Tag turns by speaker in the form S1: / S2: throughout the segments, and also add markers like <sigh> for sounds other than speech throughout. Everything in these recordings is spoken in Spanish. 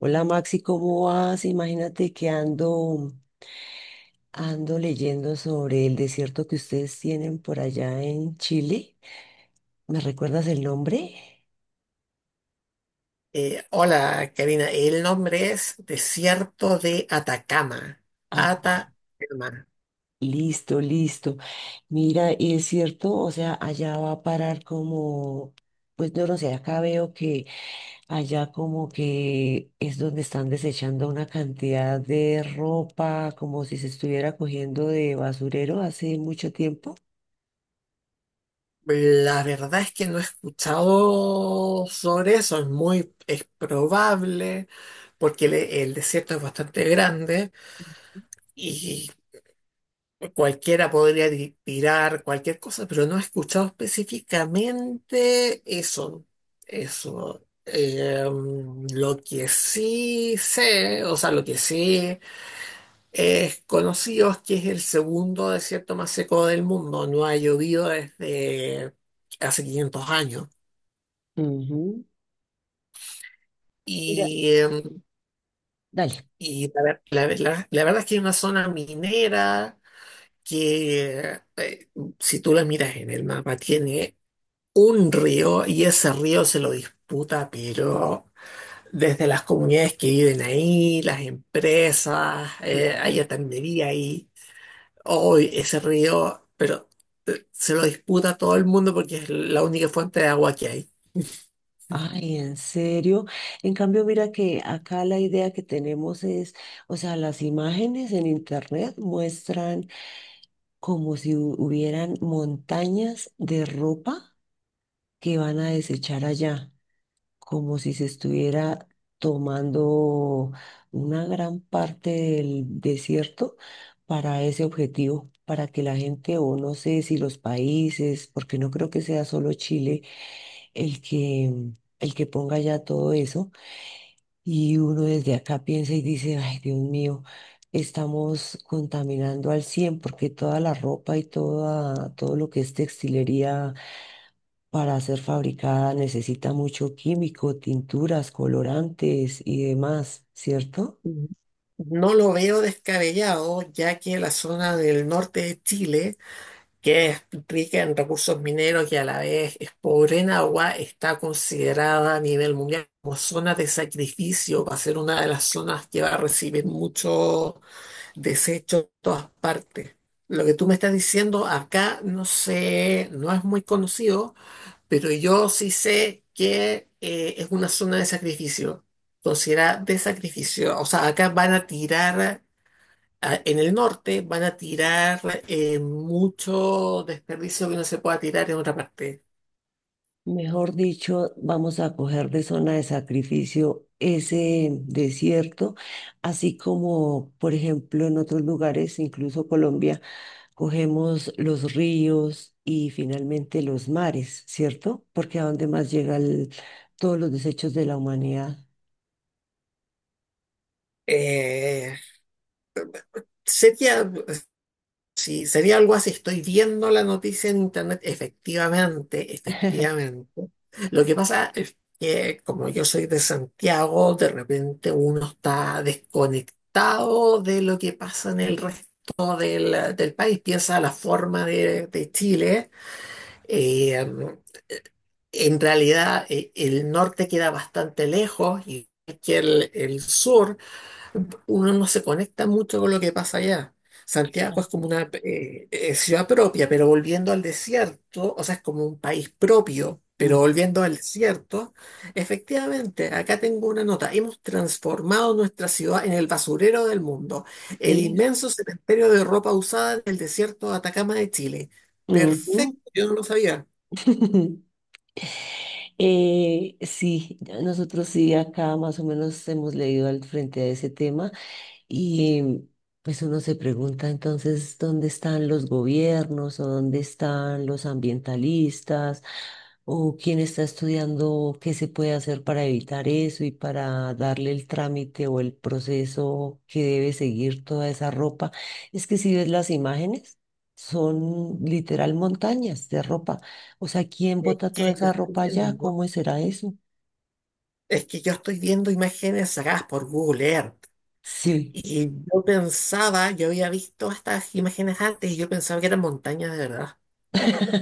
S1: Hola Maxi, ¿cómo vas? Imagínate que ando leyendo sobre el desierto que ustedes tienen por allá en Chile. ¿Me recuerdas el nombre?
S2: Hola, Karina. El nombre es Desierto de Atacama.
S1: Ah, no.
S2: Atacama.
S1: Listo, listo. Mira, y es cierto, o sea, allá va a parar como, pues no lo sé, acá veo que allá como que es donde están desechando una cantidad de ropa, como si se estuviera cogiendo de basurero hace mucho tiempo.
S2: La verdad es que no he escuchado sobre eso. Es probable, porque el desierto es bastante grande y cualquiera podría tirar cualquier cosa, pero no he escuchado específicamente eso. Eso. Eh, lo que sí sé, o sea, lo que sí. Es conocido que es el segundo desierto más seco del mundo. No ha llovido desde hace 500 años.
S1: Ujú. Mira,
S2: Y, eh,
S1: dale.
S2: y la verdad es que es una zona minera que, si tú la miras en el mapa, tiene un río y ese río se lo disputa, pero desde las comunidades que viven ahí, las empresas,
S1: Claro.
S2: hay atendería ahí. Hoy ese río, pero se lo disputa todo el mundo porque es la única fuente de agua que hay.
S1: Ay, en serio. En cambio, mira que acá la idea que tenemos es, o sea, las imágenes en internet muestran como si hubieran montañas de ropa que van a desechar allá, como si se estuviera tomando una gran parte del desierto para ese objetivo, para que la gente, o no sé si los países, porque no creo que sea solo Chile el que, el que ponga ya todo eso. Y uno desde acá piensa y dice, ay, Dios mío, estamos contaminando al cien, porque toda la ropa y todo lo que es textilería para ser fabricada necesita mucho químico, tinturas, colorantes y demás, ¿cierto?
S2: Mm. No lo veo descabellado, ya que la zona del norte de Chile, que es rica en recursos mineros y a la vez es pobre en agua, está considerada a nivel mundial como zona de sacrificio. Va a ser una de las zonas que va a recibir mucho desecho de todas partes. Lo que tú me estás diciendo acá no sé, no es muy conocido. Pero yo sí sé que es una zona de sacrificio, considerada de sacrificio. O sea, acá van a tirar, en el norte van a tirar mucho desperdicio que no se pueda tirar en otra parte.
S1: Mejor dicho, vamos a coger de zona de sacrificio ese desierto, así como, por ejemplo, en otros lugares, incluso Colombia, cogemos los ríos y finalmente los mares, ¿cierto? Porque a dónde más llegan todos los desechos de la humanidad.
S2: Eh, sería, Sí, sería algo así. Estoy viendo la noticia en internet, efectivamente,
S1: <laughs>
S2: efectivamente. Lo que pasa es que como yo soy de Santiago, de repente uno está desconectado de lo que pasa en el resto del país, piensa la forma de Chile. eh, en realidad, el norte queda bastante lejos, y que el sur uno no se conecta mucho con lo que pasa allá. Santiago es como una ciudad propia, pero volviendo al desierto, o sea, es como un país propio, pero
S1: Mm.
S2: volviendo al desierto, efectivamente, acá tengo una nota, hemos transformado nuestra ciudad en el basurero del mundo, el
S1: es-
S2: inmenso cementerio de ropa usada del desierto de Atacama de Chile.
S1: Ujú.
S2: Perfecto, yo no lo sabía.
S1: <laughs> Sí, ya nosotros sí acá más o menos hemos leído al frente a ese tema. Y pues uno se pregunta entonces dónde están los gobiernos o dónde están los ambientalistas o quién está estudiando qué se puede hacer para evitar eso y para darle el trámite o el proceso que debe seguir toda esa ropa. Es que si ves las imágenes, son literal montañas de ropa. O sea, ¿quién
S2: Es
S1: bota toda
S2: que yo
S1: esa
S2: estoy
S1: ropa allá?
S2: viendo, ¿no?
S1: ¿Cómo será eso?
S2: Es que yo estoy viendo imágenes sacadas por Google Earth.
S1: Sí.
S2: Y yo pensaba, yo había visto estas imágenes antes y yo pensaba que eran montañas de verdad.
S1: <laughs>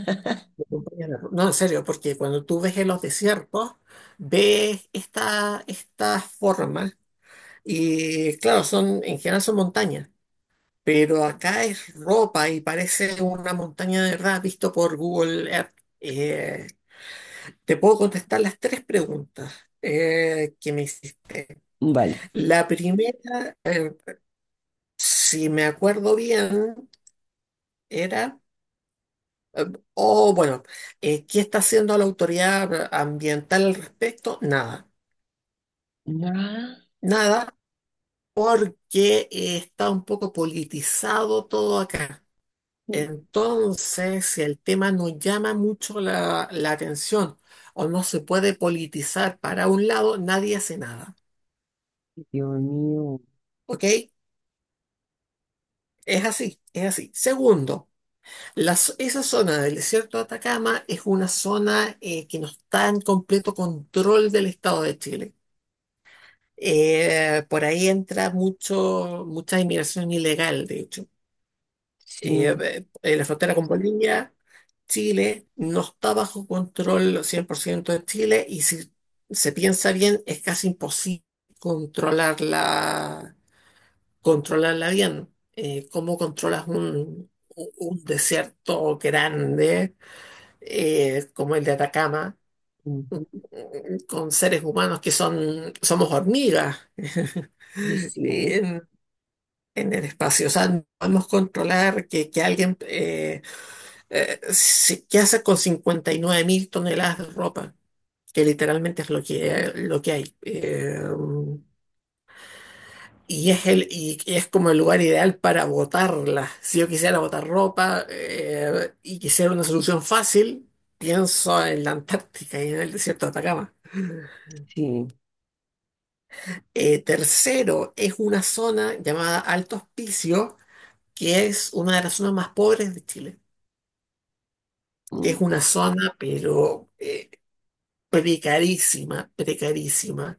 S2: No, en serio, porque cuando tú ves en los desiertos, ves estas formas y claro, son, en general son montañas, pero acá es ropa y parece una montaña de verdad visto por Google Earth. Eh, Te puedo contestar las tres preguntas que me hiciste.
S1: Vale.
S2: La primera, si me acuerdo bien, era... Eh, O bueno, ¿qué está haciendo la autoridad ambiental al respecto? Nada,
S1: Ah,
S2: nada, porque está un poco politizado todo acá. Entonces, si el tema no llama mucho la atención o no se puede politizar para un lado, nadie hace nada.
S1: Dios mío.
S2: ¿Ok? Es así, es así. Segundo, esa zona del desierto de Atacama es una zona que no está en completo control del Estado de Chile. Por ahí entra mucha inmigración ilegal, de hecho.
S1: Sí,
S2: En la frontera con Bolivia, Chile no está bajo control 100% de Chile y si se piensa bien, es casi imposible controlarla, controlarla bien. ¿Cómo controlas un desierto grande como el de Atacama
S1: ujú,
S2: con seres humanos que son, somos hormigas? <laughs>
S1: ay, sí,
S2: En- en el espacio. O sea, no podemos controlar que alguien, ¿qué hace con 59 mil toneladas de ropa? Que literalmente es lo que hay. Y es el y es como el lugar ideal para botarla. Si yo quisiera botar ropa, y quisiera una solución fácil, pienso en la Antártica y en el desierto de Atacama.
S1: sí.
S2: Tercero, es una zona llamada Alto Hospicio, que es una de las zonas más pobres de Chile. Que
S1: Mm,
S2: es una zona, pero precarísima, precarísima.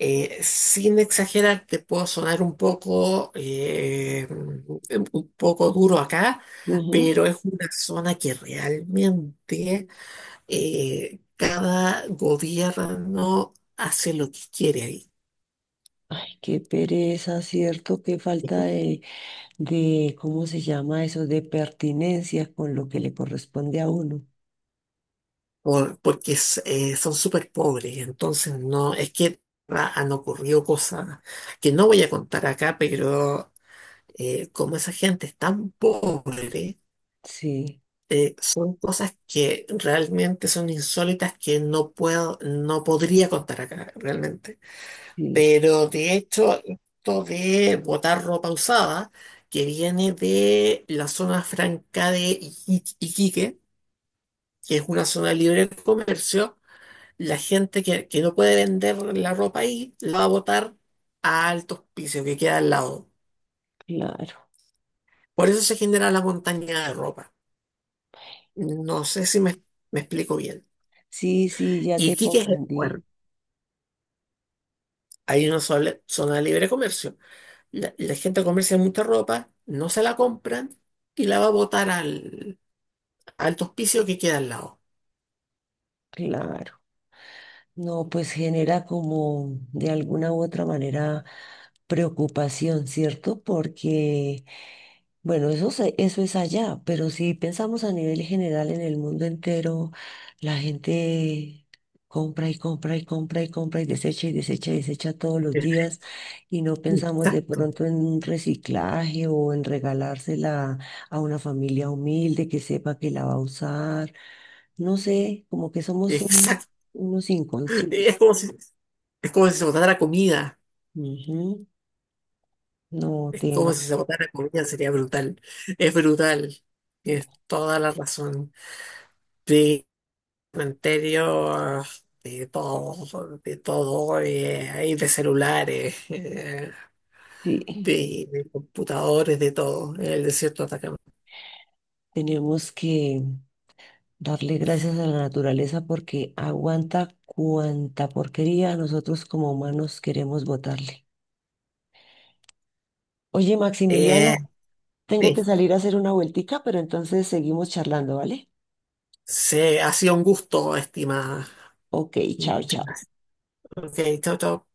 S2: Sin exagerar, te puedo sonar un poco duro acá,
S1: ujú.
S2: pero es una zona que realmente cada gobierno hace lo que quiere ahí.
S1: Ay, qué pereza, ¿cierto? Qué falta de, ¿cómo se llama eso? De pertinencia con lo que le corresponde a uno.
S2: Porque es, son súper pobres, entonces no, es que ah, han ocurrido cosas que no voy a contar acá, pero como esa gente es tan pobre,
S1: Sí,
S2: son cosas que realmente son insólitas que no puedo, no podría contar acá realmente.
S1: sí, sí,
S2: Pero de hecho, esto de botar ropa usada, que viene de la zona franca de Iquique, que es una zona libre de comercio, la gente que no puede vender la ropa ahí, la va a botar a altos pisos que queda al lado.
S1: claro.
S2: Por eso se genera la montaña de ropa. No sé si me, Me explico bien.
S1: Sí, sí, ya te
S2: Iquique es el
S1: comprendí.
S2: puerto. Hay una zona de libre comercio. La gente comercia mucha ropa, no se la compran y la va a botar al hospicio que queda al lado.
S1: Claro. No, pues genera como de alguna u otra manera preocupación, ¿cierto? Porque bueno, eso, eso es allá, pero si pensamos a nivel general en el mundo entero, la gente compra y compra y compra y compra y desecha y desecha y desecha todos los días, y no pensamos de
S2: Exacto,
S1: pronto en un reciclaje o en regalársela a una familia humilde que sepa que la va a usar. No sé, como que somos
S2: exacto.
S1: unos inconscientes.
S2: Es como si, es como si se botara comida.
S1: Ujú. No,
S2: Es como
S1: Tena,
S2: si se botara comida, sería brutal. Es brutal. Tienes toda la razón. De cementerio, ah, de todo, ahí de celulares.
S1: sí,
S2: De computadores, de todo, en el desierto de Atacama.
S1: tenemos que... darle gracias a la naturaleza porque aguanta cuanta porquería nosotros como humanos queremos botarle. Oye,
S2: Eh,
S1: Maximiliano, tengo que
S2: sí,
S1: salir a hacer una vueltica, pero entonces seguimos charlando, ¿vale?
S2: se, ha sido un gusto, estimada.
S1: Ok, chao,
S2: Muchas
S1: chao.
S2: gracias. Ok, chao, chao.